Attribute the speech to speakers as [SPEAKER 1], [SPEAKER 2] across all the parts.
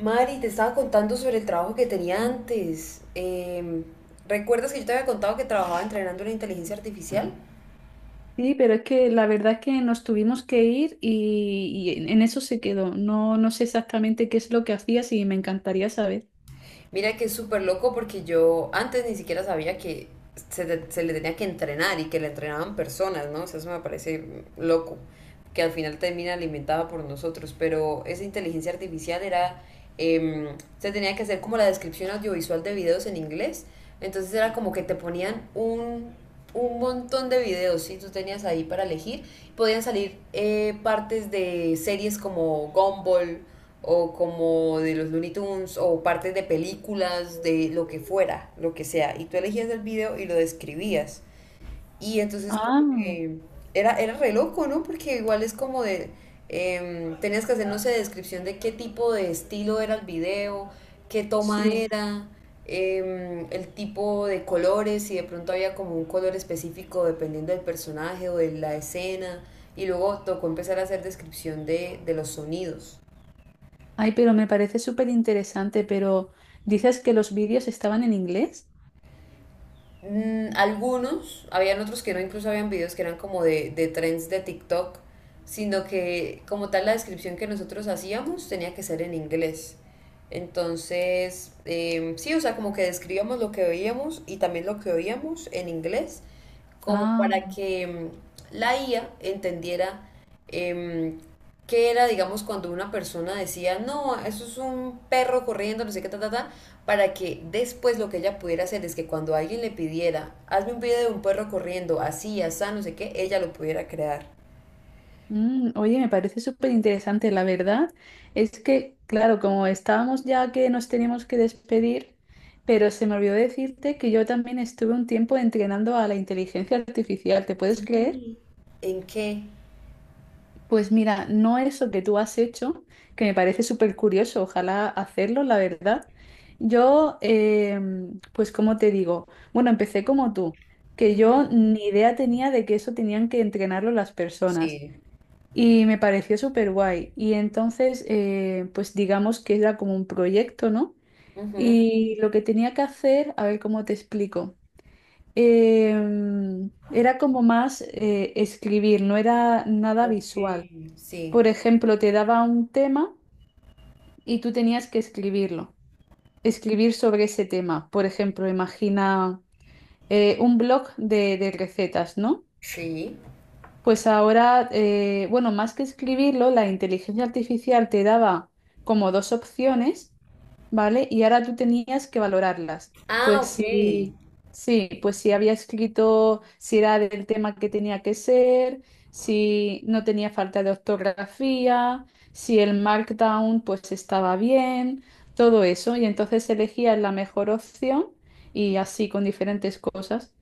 [SPEAKER 1] Mari, te estaba contando sobre el trabajo que tenía antes. ¿Recuerdas que yo te había contado que trabajaba entrenando la inteligencia artificial?
[SPEAKER 2] Sí, pero es que la verdad es que nos tuvimos que ir y en eso se quedó. No sé exactamente qué es lo que hacías y me encantaría saber.
[SPEAKER 1] Mira que es súper loco porque yo antes ni siquiera sabía que se le tenía que entrenar y que le entrenaban personas, ¿no? O sea, eso me parece loco, que al final termina alimentada por nosotros, pero esa inteligencia artificial era, em, se tenía que hacer como la descripción audiovisual de videos en inglés. Entonces era como que te ponían un montón de videos, ¿sí? Tú tenías ahí para elegir, podían salir partes de series como Gumball, o como de los Looney Tunes o partes de películas, de lo que fuera, lo que sea. Y tú elegías el video y lo describías. Y entonces como
[SPEAKER 2] Ah,
[SPEAKER 1] que era re loco, ¿no? Porque igual es como de, tenías que hacer, no sé, descripción de qué tipo de estilo era el video, qué toma
[SPEAKER 2] sí.
[SPEAKER 1] era, el tipo de colores, si de pronto había como un color específico dependiendo del personaje o de la escena. Y luego tocó empezar a hacer descripción de los sonidos.
[SPEAKER 2] Ay, pero me parece súper interesante, pero dices que los vídeos estaban en inglés.
[SPEAKER 1] Mm, algunos, habían otros que no, incluso habían videos que eran como de trends de TikTok, sino que como tal la descripción que nosotros hacíamos tenía que ser en inglés. Entonces, sí, o sea, como que describíamos lo que veíamos y también lo que oíamos en inglés como
[SPEAKER 2] Ah,
[SPEAKER 1] para que la IA entendiera em, qué era, digamos, cuando una persona decía, no, eso es un perro corriendo, no sé qué, ta, ta, ta, para que después lo que ella pudiera hacer es que cuando alguien le pidiera, hazme un video de un perro corriendo, así, así, no sé qué, ella lo pudiera crear.
[SPEAKER 2] mm, oye, me parece súper interesante. La verdad es que, claro, como estábamos ya que nos teníamos que despedir, pero se me olvidó decirte que yo también estuve un tiempo entrenando a la inteligencia artificial, ¿te puedes creer?
[SPEAKER 1] ¿En qué?
[SPEAKER 2] Pues mira, no eso que tú has hecho, que me parece súper curioso, ojalá hacerlo, la verdad. Yo, pues como te digo, bueno, empecé como tú, que yo ni idea tenía de que eso tenían que entrenarlo las personas
[SPEAKER 1] Sí.
[SPEAKER 2] y me pareció súper guay. Y entonces, pues digamos que era como un proyecto, ¿no?
[SPEAKER 1] Ujú.
[SPEAKER 2] Y lo que tenía que hacer, a ver cómo te explico. Era como más escribir, no era nada visual. Por
[SPEAKER 1] Sí,
[SPEAKER 2] ejemplo, te daba un tema y tú tenías que escribirlo, escribir sobre ese tema. Por ejemplo, imagina un blog de recetas, ¿no?
[SPEAKER 1] sí.
[SPEAKER 2] Pues ahora, bueno, más que escribirlo, la inteligencia artificial te daba como dos opciones, ¿vale? Y ahora tú tenías que valorarlas.
[SPEAKER 1] Ah,
[SPEAKER 2] Pues
[SPEAKER 1] ok.
[SPEAKER 2] sí, sí, pues si había escrito, si era del tema que tenía que ser, si no tenía falta de ortografía, si el markdown pues estaba bien, todo eso. Y entonces elegías la mejor opción y así con diferentes cosas.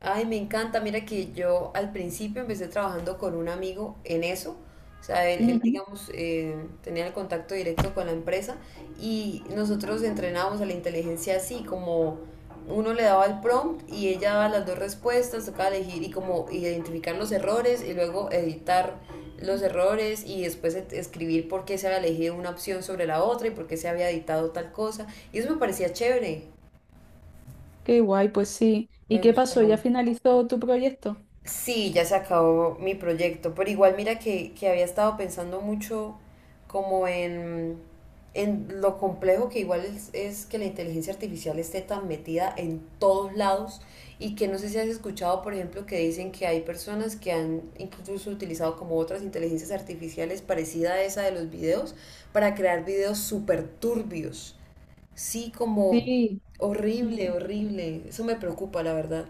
[SPEAKER 1] Ay, me encanta. Mira que yo al principio empecé trabajando con un amigo en eso. O sea, digamos, tenía el contacto directo con la empresa y nosotros entrenábamos a la inteligencia así, como uno le daba el prompt y ella daba las dos respuestas, tocaba elegir y como identificar los errores y luego editar los errores y después escribir por qué se había elegido una opción sobre la otra y por qué se había editado tal cosa. Y eso me parecía chévere,
[SPEAKER 2] Qué guay, pues sí. ¿Y
[SPEAKER 1] me
[SPEAKER 2] qué pasó?
[SPEAKER 1] gustaba.
[SPEAKER 2] ¿Ya finalizó tu proyecto?
[SPEAKER 1] Sí, ya se acabó mi proyecto, pero igual mira que había estado pensando mucho como en lo complejo que igual es que la inteligencia artificial esté tan metida en todos lados y que no sé si has escuchado, por ejemplo, que dicen que hay personas que han incluso utilizado como otras inteligencias artificiales parecida a esa de los videos para crear videos súper turbios. Sí, como
[SPEAKER 2] Sí,
[SPEAKER 1] horrible,
[SPEAKER 2] mm,
[SPEAKER 1] horrible. Eso me preocupa, la verdad.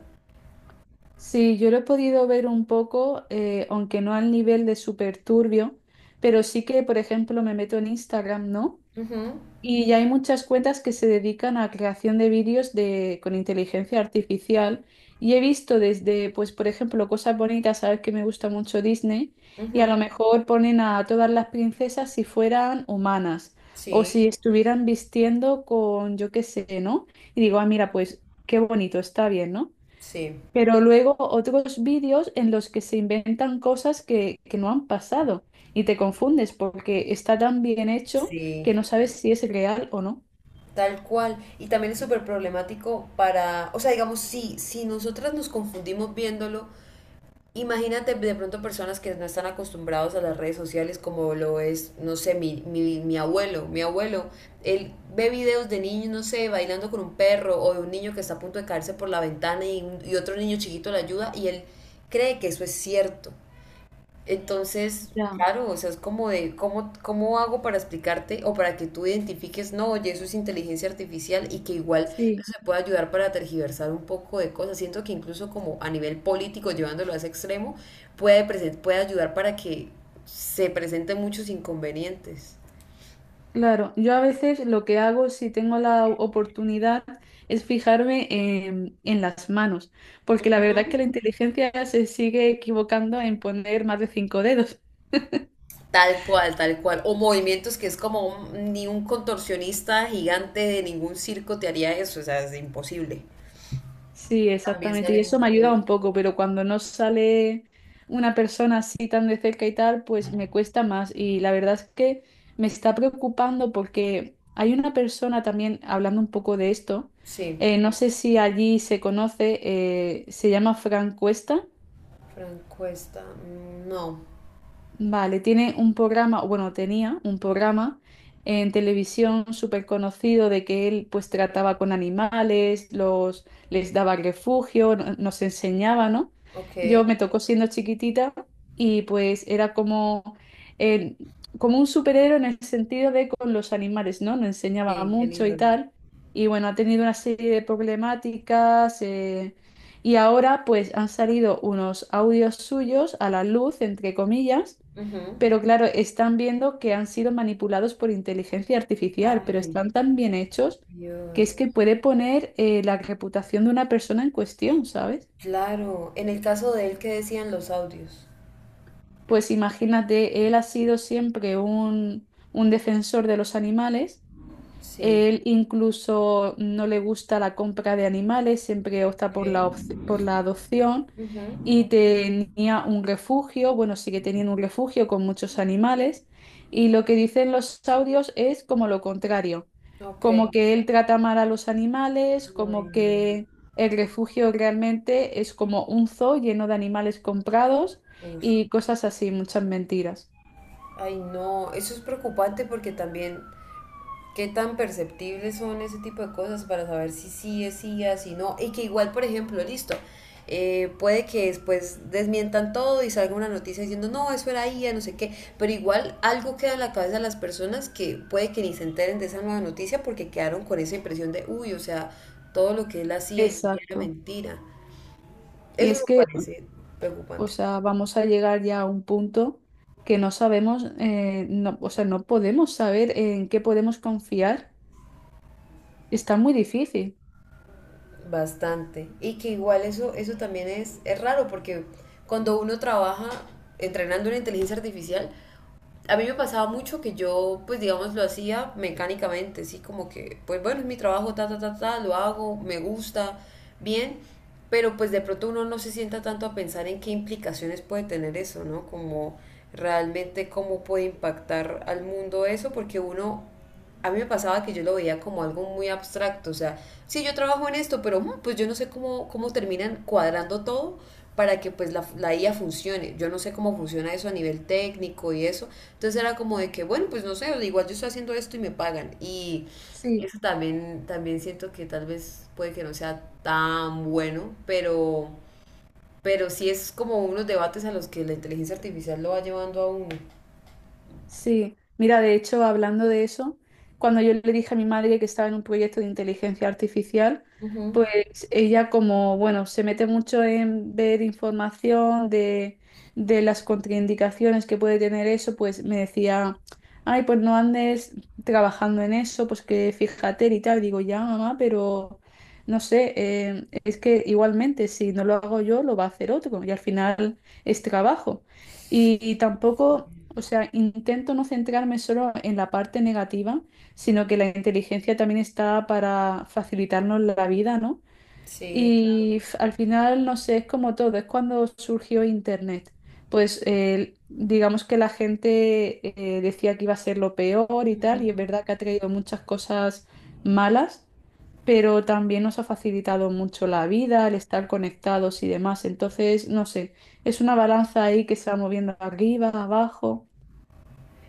[SPEAKER 2] sí, yo lo he podido ver un poco, aunque no al nivel de súper turbio, pero sí que, por ejemplo, me meto en Instagram, ¿no?
[SPEAKER 1] Ujú,
[SPEAKER 2] Y ya hay muchas cuentas que se dedican a creación de vídeos de, con inteligencia artificial. Y he visto desde, pues, por ejemplo, cosas bonitas, sabes que me gusta mucho Disney, y a lo
[SPEAKER 1] ujú,
[SPEAKER 2] mejor ponen a todas las princesas si fueran humanas o
[SPEAKER 1] sí.
[SPEAKER 2] si estuvieran vistiendo con, yo qué sé, ¿no? Y digo, ah, mira, pues qué bonito, está bien, ¿no?
[SPEAKER 1] Sí,
[SPEAKER 2] Pero luego otros vídeos en los que se inventan cosas que no han pasado y te confundes porque está tan bien hecho
[SPEAKER 1] sí,
[SPEAKER 2] que no sabes si es real o no.
[SPEAKER 1] tal cual. Y también es súper problemático para, o sea, digamos, si nosotras nos confundimos viéndolo, imagínate de pronto personas que no están acostumbrados a las redes sociales como lo es, no sé, mi abuelo, él ve videos de niños, no sé, bailando con un perro o de un niño que está a punto de caerse por la ventana y otro niño chiquito le ayuda y él cree que eso es cierto. Entonces,
[SPEAKER 2] Ya.
[SPEAKER 1] claro, o sea, es como de, ¿cómo, cómo hago para explicarte o para que tú identifiques, no, oye, eso es inteligencia artificial y que igual
[SPEAKER 2] Sí,
[SPEAKER 1] eso te puede ayudar para tergiversar un poco de cosas? Siento que incluso como a nivel político, llevándolo a ese extremo, puede ayudar para que se presenten muchos inconvenientes.
[SPEAKER 2] claro. Yo a veces lo que hago si tengo la oportunidad es fijarme en las manos, porque la verdad es que la inteligencia se sigue equivocando en poner más de cinco dedos.
[SPEAKER 1] Tal cual, tal cual. O movimientos que es como ni un contorsionista gigante de ningún circo te haría eso, o sea, es imposible.
[SPEAKER 2] Sí,
[SPEAKER 1] También
[SPEAKER 2] exactamente.
[SPEAKER 1] sale
[SPEAKER 2] Y eso me
[SPEAKER 1] mucho de
[SPEAKER 2] ayuda
[SPEAKER 1] eso.
[SPEAKER 2] un poco, pero cuando no sale una persona así tan de cerca y tal, pues me cuesta más. Y la verdad es que me está preocupando porque hay una persona también hablando un poco de esto.
[SPEAKER 1] Sí.
[SPEAKER 2] No sé si allí se conoce, se llama Fran Cuesta.
[SPEAKER 1] Francuesta, mm, no.
[SPEAKER 2] Vale, tiene un programa, bueno, tenía un programa en televisión súper conocido de que él pues trataba con animales, los, les daba refugio, nos enseñaba, ¿no? Yo
[SPEAKER 1] Ok,
[SPEAKER 2] me tocó siendo chiquitita y pues era como, eh, como un superhéroe en el sentido de con los animales, ¿no? Nos enseñaba
[SPEAKER 1] sí, qué
[SPEAKER 2] mucho
[SPEAKER 1] lindo.
[SPEAKER 2] y tal. Y bueno, ha tenido una serie de problemáticas. Y ahora pues han salido unos audios suyos a la luz, entre comillas,
[SPEAKER 1] Ujú.
[SPEAKER 2] pero claro, están viendo que han sido manipulados por inteligencia artificial, pero
[SPEAKER 1] Ay,
[SPEAKER 2] están tan bien hechos que es
[SPEAKER 1] Dios.
[SPEAKER 2] que puede poner la reputación de una persona en cuestión, ¿sabes?
[SPEAKER 1] Claro, en el caso de él, ¿qué decían los audios?
[SPEAKER 2] Pues imagínate, él ha sido siempre un defensor de los animales.
[SPEAKER 1] Sí,
[SPEAKER 2] Él incluso no le gusta la compra de animales, siempre opta por
[SPEAKER 1] ok.
[SPEAKER 2] por la adopción,
[SPEAKER 1] Ujú.
[SPEAKER 2] y tenía un refugio, bueno, sigue teniendo un refugio con muchos animales, y lo que dicen los audios es como lo contrario,
[SPEAKER 1] Ok.
[SPEAKER 2] como que él trata mal a los animales,
[SPEAKER 1] Ay,
[SPEAKER 2] como
[SPEAKER 1] no.
[SPEAKER 2] que el refugio realmente es como un zoo lleno de animales comprados
[SPEAKER 1] Ush.
[SPEAKER 2] y cosas así, muchas mentiras.
[SPEAKER 1] Ay, no, eso es preocupante porque también qué tan perceptibles son ese tipo de cosas para saber si sí es sí si no, y que igual, por ejemplo, listo, puede que después desmientan todo y salga una noticia diciendo, no, eso era IA, no sé qué, pero igual algo queda en la cabeza de las personas que puede que ni se enteren de esa nueva noticia porque quedaron con esa impresión de, uy, o sea, todo lo que él hacía y era
[SPEAKER 2] Exacto.
[SPEAKER 1] mentira.
[SPEAKER 2] Y
[SPEAKER 1] Eso me
[SPEAKER 2] es que...
[SPEAKER 1] parece
[SPEAKER 2] O
[SPEAKER 1] preocupante.
[SPEAKER 2] sea, vamos a llegar ya a un punto que no sabemos, no, o sea, no podemos saber en qué podemos confiar. Está muy difícil.
[SPEAKER 1] Bastante. Y que igual eso también es raro porque cuando uno trabaja entrenando una inteligencia artificial, a mí me pasaba mucho que yo, pues digamos, lo hacía mecánicamente, sí, como que, pues bueno, es mi trabajo, ta, ta, ta, ta, lo hago, me gusta, bien, pero pues de pronto uno no se sienta tanto a pensar en qué implicaciones puede tener eso, ¿no? Como realmente cómo puede impactar al mundo eso, porque uno a mí me pasaba que yo lo veía como algo muy abstracto, o sea, sí, yo trabajo en esto, pero pues yo no sé cómo, cómo terminan cuadrando todo para que pues la IA funcione. Yo no sé cómo funciona eso a nivel técnico y eso. Entonces era como de que, bueno, pues no sé, igual yo estoy haciendo esto y me pagan. Y
[SPEAKER 2] Sí.
[SPEAKER 1] eso también, también siento que tal vez puede que no sea tan bueno, pero sí es como unos debates a los que la inteligencia artificial lo va llevando a uno.
[SPEAKER 2] Sí, mira, de hecho, hablando de eso, cuando yo le dije a mi madre que estaba en un proyecto de inteligencia artificial,
[SPEAKER 1] Ujú.
[SPEAKER 2] pues ella como, bueno, se mete mucho en ver información de las contraindicaciones que puede tener eso, pues me decía, ay, pues no andes trabajando en eso, pues que fíjate y tal. Digo, ya, mamá, pero no sé, es que igualmente si no lo hago yo, lo va a hacer otro y al final es trabajo. Y tampoco... O sea, intento no centrarme solo en la parte negativa, sino que la inteligencia también está para facilitarnos la vida, ¿no?
[SPEAKER 1] Sí.
[SPEAKER 2] Y al final, no sé, es como todo, es cuando surgió Internet. Pues digamos que la gente decía que iba a ser lo peor y tal, y es verdad que ha traído muchas cosas malas, pero también nos ha facilitado mucho la vida, el estar conectados y demás. Entonces, no sé, es una balanza ahí que se va moviendo arriba, abajo.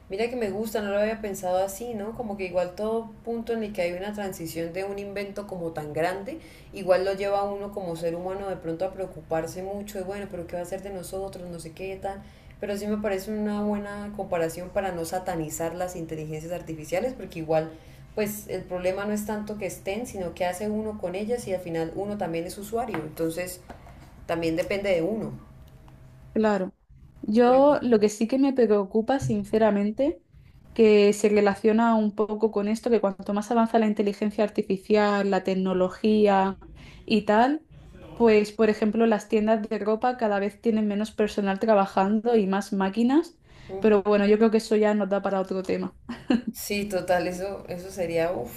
[SPEAKER 1] Mira que me gusta, no lo había pensado así, ¿no? Como que igual todo punto en el que hay una transición de un invento como tan grande, igual lo lleva a uno como ser humano de pronto a preocuparse mucho de, bueno, pero ¿qué va a ser de nosotros? No sé qué tal. Pero sí me parece una buena comparación para no satanizar las inteligencias artificiales, porque igual, pues el problema no es tanto que estén, sino que hace uno con ellas y al final uno también es usuario. Entonces, también depende de uno.
[SPEAKER 2] Claro.
[SPEAKER 1] Me
[SPEAKER 2] Yo lo que sí que me preocupa, sinceramente, que se relaciona un poco con esto, que cuanto más avanza la inteligencia artificial, la tecnología y tal, pues, por ejemplo, las tiendas de ropa cada vez tienen menos personal trabajando y más máquinas, pero
[SPEAKER 1] gusta.
[SPEAKER 2] bueno, yo creo que eso ya nos da para otro tema.
[SPEAKER 1] Sí, total, eso sería uf,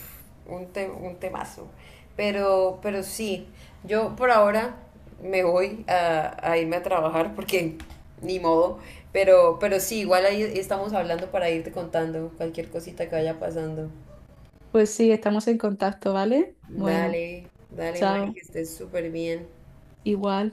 [SPEAKER 1] un temazo. Pero sí, yo por ahora me voy a irme a trabajar porque ni modo. Pero sí, igual ahí estamos hablando para irte contando cualquier cosita que vaya pasando.
[SPEAKER 2] Pues sí, estamos en contacto, ¿vale? Bueno,
[SPEAKER 1] Dale, dale, Mari,
[SPEAKER 2] chao,
[SPEAKER 1] que estés súper bien.
[SPEAKER 2] igual.